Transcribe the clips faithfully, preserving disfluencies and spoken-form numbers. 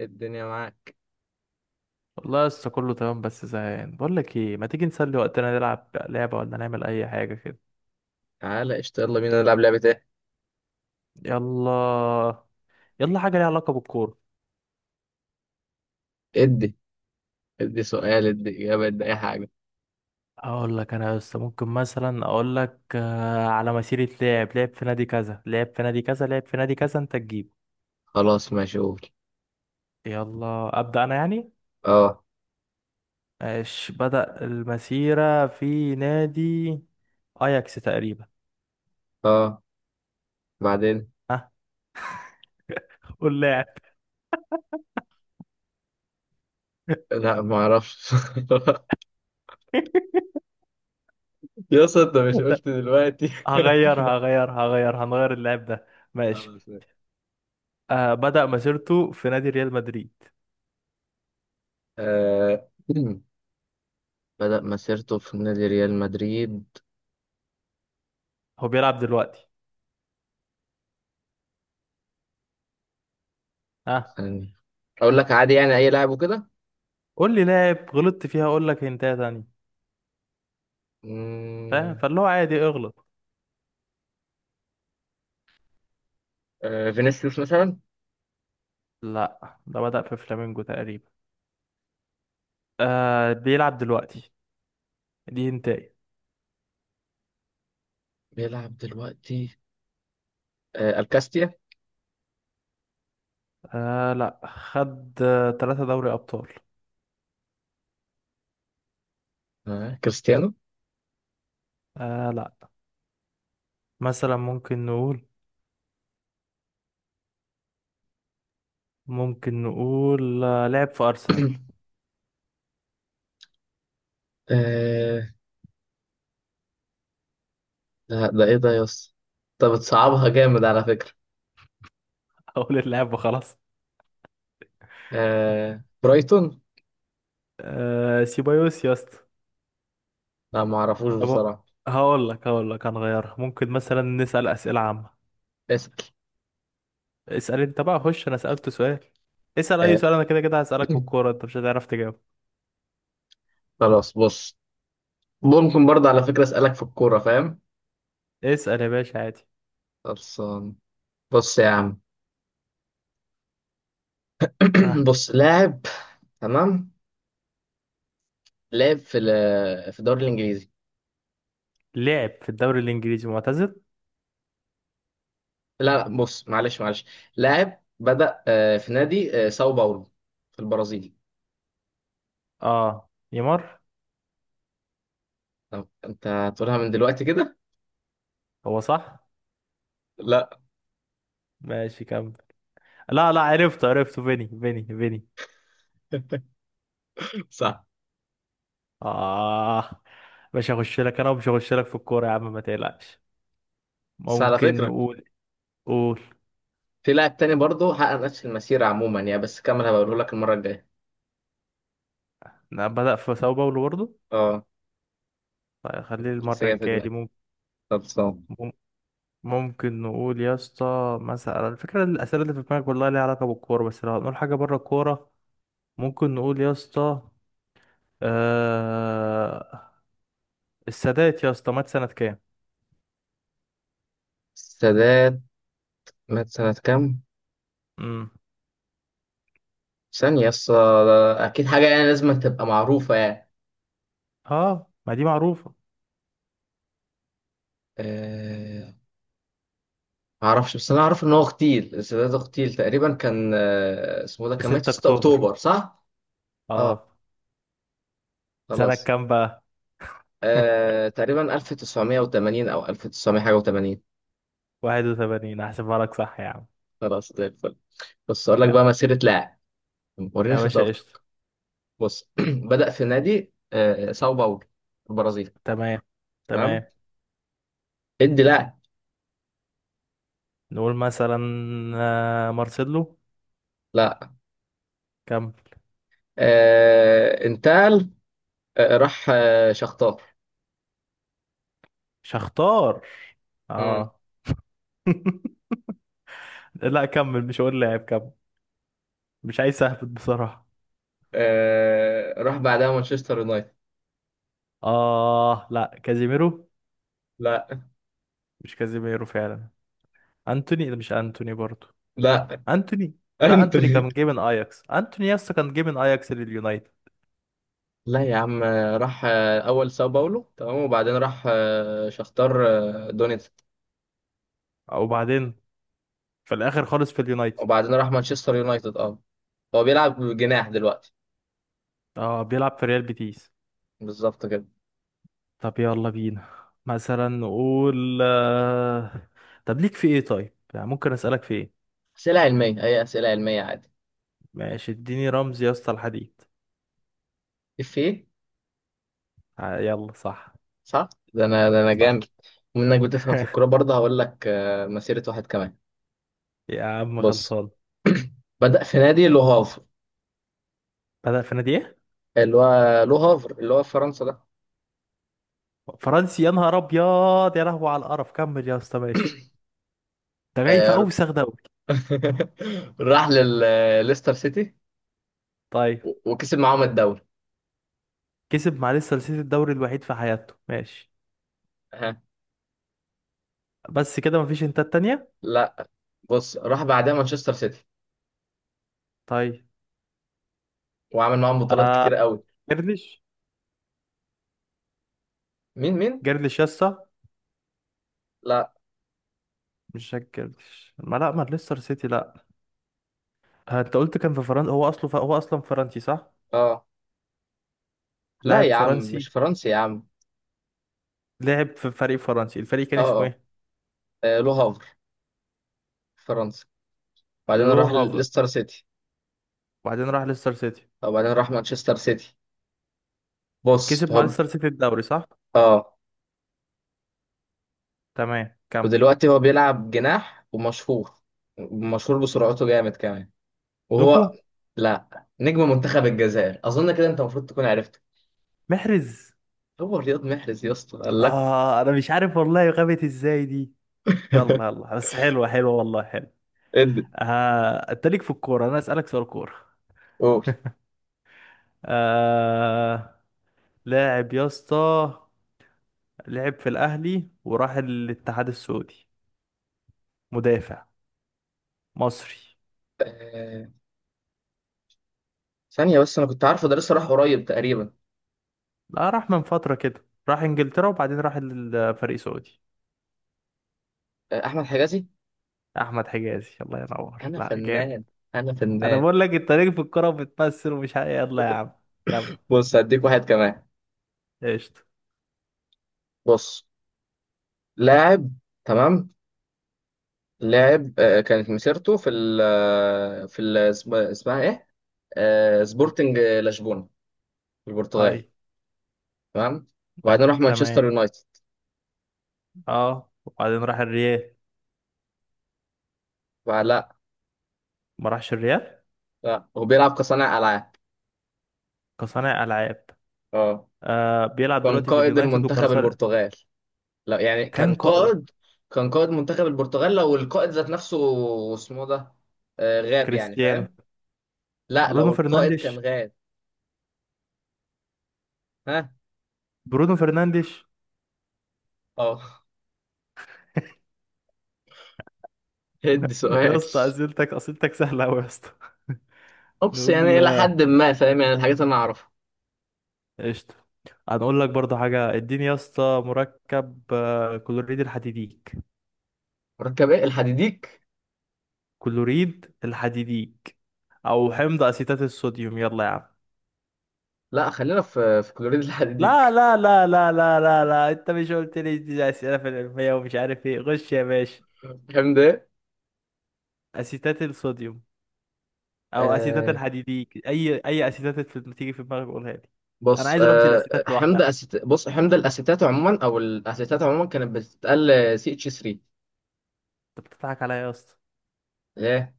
الدنيا معاك. والله لسه كله تمام بس زهقان بقول لك ايه ما تيجي نسلي وقتنا نلعب لعبة ولا نعمل اي حاجة كده. تعالى قشطة، يلا بينا نلعب لعبة ايه. يلا. يلا حاجة ليها علاقة بالكورة. ادي، ادي سؤال، ادي إجابة، ادي أي حاجة. اقول لك انا لسه ممكن مثلا اقول لك آه، على مسيرة لاعب لعب في نادي كذا لعب في نادي كذا لعب في نادي كذا انت تجيبه. خلاص ماشي، قول. يلا ابدأ انا يعني. اه، ماشي بدأ المسيرة في نادي اياكس تقريبا. اه. بعدين. ها، قول لاعب. لا ما اعرفش. يا اسطى انت مش قلت دلوقتي؟ هغيرها هغيرها هغيرها، هنغير اللاعب ده. خلاص ماشي. ماشي. آه بدأ مسيرته في نادي ريال مدريد. آه. بدأ مسيرته في نادي ريال مدريد. هو بيلعب دلوقتي. ها، ثانية. اقول لك عادي يعني اي لاعب وكده. قول لي لاعب غلطت فيها اقول لك هنتايه تانية. فاهم، مم، فاللي هو عادي اغلط. آه. فينيسيوس مثلا. لا ده بدأ في فلامينجو تقريبا. آه بيلعب دلوقتي. دي هنتايه. بيلعب دلوقتي. آه. الكاستيا. آه لا، خد آه، ثلاثة دوري أبطال. آه. كريستيانو. آه لا. مثلا ممكن نقول، ممكن نقول آه لعب في أرسنال. ده, ده ايه ده يا اسطى؟ انت بتصعبها جامد على فكرة. أقول اللعب وخلاص. آه... برايتون. آه سيبايوس يا اسطى. لا ما اعرفوش طب بصراحة. هقول لك هقول لك هنغيرها، ممكن مثلا نسأل أسئلة عامة. اسأل. اسأل انت بقى، خش انا سألت سؤال. اسأل اي آه... سؤال، انا كده كده هسألك في الكورة انت مش هتعرف تجاوب. خلاص بص، ممكن برضه على فكرة اسألك في الكورة فاهم؟ اسأل يا باشا عادي. خلصان. بص يا عم، ها، بص لاعب، تمام، لاعب في ال- في الدوري الانجليزي. لعب في الدوري الانجليزي معتزل. لا لا، بص معلش معلش، لاعب بدأ آه، في نادي آه، ساو باولو في البرازيل. اه نيمار. طب انت هتقولها من دلوقتي كده؟ هو صح. لا. ماشي كمل. لا لا، عرفته عرفته فيني فيني فيني. صح. اه، مش هخش لك انا ومش هخش لك في الكورة يا عم ما تقلقش. بس على ممكن فكرة نقول، قول. في لاعب تاني برضه حقق نفس المسيرة عموما يعني، بس كمل هبقوله لك المرة الجاية. لا بدأ في ساو باولو برضه. اه، طيب خليه بس المرة جاي في الجاية دي. دماغي. خلصان. ممكن، ممكن نقول يا اسطى مثلا، الفكرة الأسئلة اللي في دماغك والله ليها علاقة بالكورة، بس لو هنقول حاجة بره الكورة. ممكن نقول يا اسطى، آه... السادات يا اسطى مات سنة كام؟ السادات مات سنة كام؟ امم ثانية يس. أكيد حاجة يعني لازم تبقى معروفة يعني. اه ما دي معروفة. أه... معرفش، بس أنا أعرف إن هو اغتيل، السادات اغتيل تقريبا، كان آه، اسمه ده، في كان مات ستة في ستة أكتوبر، أكتوبر صح؟ اه، اه. سنة خلاص. كام بقى؟ أه... تقريبا ألف وتسعمية وتمانين أو ألف وتسعمية حاجة و80. واحد وثمانين هحسبها لك صح يا عم. خلاص زي الفل. بس أقول لك يا، بقى مسيرة لاعب، وريني يا باشا قشطة. شطارتك. بص بدأ في نادي آه، ساو باولو، البرازيل. تمام تمام. تمام. ادي لا. نقول مثلا آه، مارسيلو. لا، كم؟ آه، انتقل، آه، راح آه، شختار. شختار، مم. اه. لا كمل، مش هقول لاعب كمل. مش عايز اهبط بصراحة. آه، راح بعدها مانشستر يونايتد. اه لا، كازيميرو. لا مش كازيميرو فعلا. انتوني، لا مش انتوني برضو. لا. انتوني. لا انتوني انتوني. كان جاي من اياكس، انتوني يسطا كان جاي من اياكس لليونايتد. لا يا عم، آه، راح آه، اول ساو باولو تمام، وبعدين راح آه، شختار آه، دونيتسك، وبعدين، في الاخر خالص في اليونايتد. وبعدين راح مانشستر يونايتد. اه، هو بيلعب جناح دلوقتي. اه بيلعب في ريال بيتيس. بالظبط كده. طب يلا بينا، مثلا نقول آه، طب ليك في ايه طيب، يعني ممكن اسالك في ايه. اسئله علميه، اي اسئله علميه عادي. ماشي اديني رمز يا اسطى الحديد. اف ايه. آه، يلا صح. صح. ده انا، ده انا صح. جامد. ومنك بتفهم في الكوره برضه، هقول لك آه، مسيره واحد كمان. يا عم بص خلصان. بدأ في نادي لو هافر، بدأ في نادي ايه؟ اللي هو لو هافر اللي هو في فرنسا ده. فرنسي، يا نهار ابيض يا لهوي على القرف. كمل يا اسطى ماشي، ده جاي في آه، اوسخ دوري. راح لليستر سيتي طيب. و- وكسب معاهم الدوري. كسب مع، لسه سلسلة الدوري الوحيد في حياته ماشي. أها. بس كده مفيش، انت التانية. لا، بص راح بعدها مانشستر سيتي، طيب. وعمل معاهم بطولات آه كتير قوي. جرليش. مين، مين؟ جرليش يا اسطى. لا. مش جاك جرليش، ما لا ما ليستر سيتي لا. آه، انت قلت كان في فرنسا، هو اصله ف... هو اصلا فرنسي صح. اه لا لاعب يا عم، فرنسي، مش فرنسي يا عم. لعب في فريق فرنسي، الفريق كان اه، اسمه اه، ايه؟ آه، لو هافر، فرنسا، بعدين لو راح هافر. ليستر سيتي، وبعدين راح ليستر سيتي. وبعدين راح مانشستر سيتي. بص كسب مع هو، ليستر سيتي الدوري صح. اه، تمام كم. ودلوقتي هو بيلعب جناح، ومشهور، مشهور بسرعته جامد كمان. دوكو. وهو، لا، نجم منتخب الجزائر اظن كده، انت المفروض تكون عرفته. محرز. هو رياض محرز يا اسطى، الله. آه أنا مش عارف والله غابت إزاي دي. يلا يلا، بس حلوة حلوة والله، حلوة. ادي. آه أنت ليك في الكورة، أنا أسألك سؤال كورة. قول. آه لاعب يا اسطى، لعب في الأهلي وراح الاتحاد السعودي. مدافع، مصري. آه، ثانية بس، انا كنت عارفه، ده لسه راح قريب تقريبا. لا راح من فترة كده، راح إنجلترا وبعدين راح الفريق سعودي. آه، احمد حجازي. أحمد حجازي، الله ينور، انا لا جامد. فنان، انا أنا فنان. بقول لك أنت ليك في الكورة وبتمثل ومش عارف، يلا يا عم كمل. بص هديك واحد كمان. قشطة. بص، لاعب، تمام، لاعب آه، كانت مسيرته في ال آه، في ال اسم- اسمها ايه، آه، سبورتنج لشبونة، البرتغال. طيب. تمام. وبعدين راح تمام، مانشستر يونايتد. اه. وبعدين راح الريال. بعد لا. ما راحش الريال. لا، هو بيلعب كصانع العاب. كصانع العاب. اه. آه بيلعب كان دلوقتي في قائد اليونايتد المنتخب وكرسال. البرتغال. لا يعني كان كان قائد. قائد، كان قائد منتخب البرتغال لو القائد ذات نفسه اسمه ده آه غاب يعني، كريستيانو. فاهم؟ لا، لو برونو القائد كان فرنانديش. غاب. ها. برونو فرنانديش. اه. هدي يا سؤال. اسطى اسئلتك اسئلتك سهله قوي يا اسطى. اوبس يعني نقول الى آه، حد ما فاهم يعني الحاجات اللي انا اعرفها. قشطه. هنقول لك برضه حاجه، اديني يا اسطى مركب آه، كلوريد الحديديك. مركب ايه الحديديك؟ كلوريد الحديديك، او حمض اسيتات الصوديوم، يلا يا عم. لا، خلينا في في كلوريد لا الحديديك. لا لا لا لا لا لا، انت مش قلت لي دي اسئله في العلميه ومش عارف ايه، غش يا باشا. فاهم. اسيتات الصوديوم. او اسيتات ده، الحديديك، اي اي اسيتات في- تيجي في دماغك قولها لي. انا بص عايز رمز الاسيتات آه، حمض لوحدها. أسيت... بص حمض الاسيتات عموما، او الاسيتات عموما كانت بتتقال سي اتش تلاتة. انت بتضحك عليا يا اسطى. ليه؟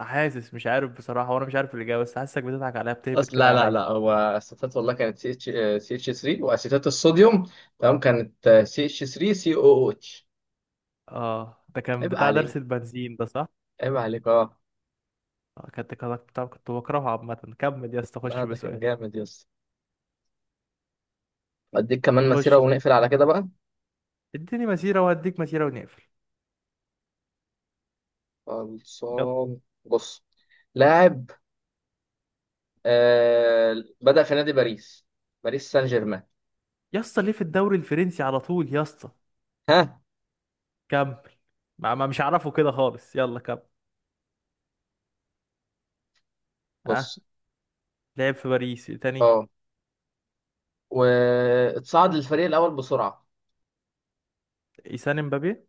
حاسس، مش عارف بصراحه وانا مش عارف الاجابه، بس حاسسك بتضحك عليا بتهبط اصل كده لا لا عليا. لا، هو اسيتات والله كانت سي اتش سي اتش تلاتة، واسيتات الصوديوم، تمام، كانت سي اتش تلاتة سي او او اتش. اه ده كان عيب بتاع درس عليك، البنزين ده صح. عيب عليك، اه. آه، كنت كنت بتاع- كنت بكرهه عامه، كمل يا اسطى لا خش ده كان بسؤال. جامد يا اسطى. اديك كمان مسيره خش. ونقفل على كده بقى. اديني مسيره وهديك مسيره ونقفل. يلا. خلصان. بص، لاعب، آه، بدأ في نادي باريس، باريس سان جيرمان. يا اسطى ليه في الدوري الفرنسي على طول يا اسطى. ها. كمل. ما ما مش عارفه كده خالص، يلا كمل. ها، بص، لعب في باريس إيه تاني؟ اه، واتصعد للفريق الأول بسرعة. إيسان امبابي.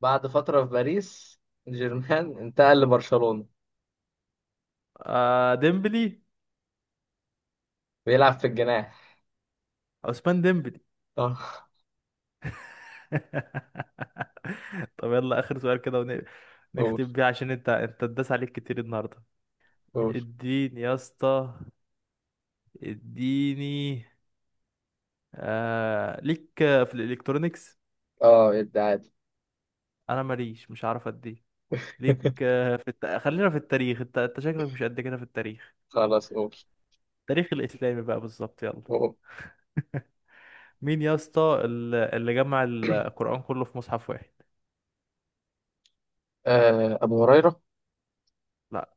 بعد فترة في باريس جيرمان انتقل لبرشلونة. آه ديمبلي. بيلعب في الجناح. عثمان ديمبلي. اه. طب يلا آخر سؤال كده، ون- قول، نختم بيه عشان انت انت اتداس عليك كتير النهارده. قول. اديني يا اسطى، اديني. آه ليك في الالكترونيكس. اه الدعادي. انا ماليش، مش عارف اديه. ليك آه، في الت... خلينا في التاريخ، انت انت شكلك مش قد كده في التاريخ. خلاص قول، التاريخ الاسلامي بقى بالظبط، يلا. قول. مين يا اسطى ال- اللي جمع القرآن كله في مصحف واحد؟ آه أبو هريرة. لا.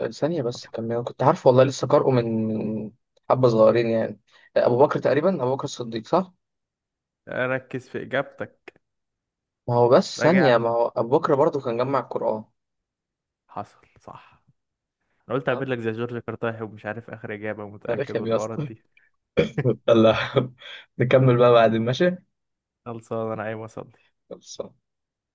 آه، ثانية بس طبعا. كمل، أنا كنت عارفه والله، لسه قارئه من من حبة صغيرين يعني. آه، أبو بكر تقريبا، أبو بكر الصديق صح؟ ركز في إجابتك. ما هو بس راجع. ثانية، ما هو أبو بكر برضه كان جمع القرآن. حصل صح. انا قلت اه، اعمل لك زي جورج كرتاحي، ومش عارف اخر إجابة متأكد تاريخ يا والحوارات اسطى. دي. يلا نكمل بقى بعدين ماشي؟ خلصان، انا عايز اصلي. خلصان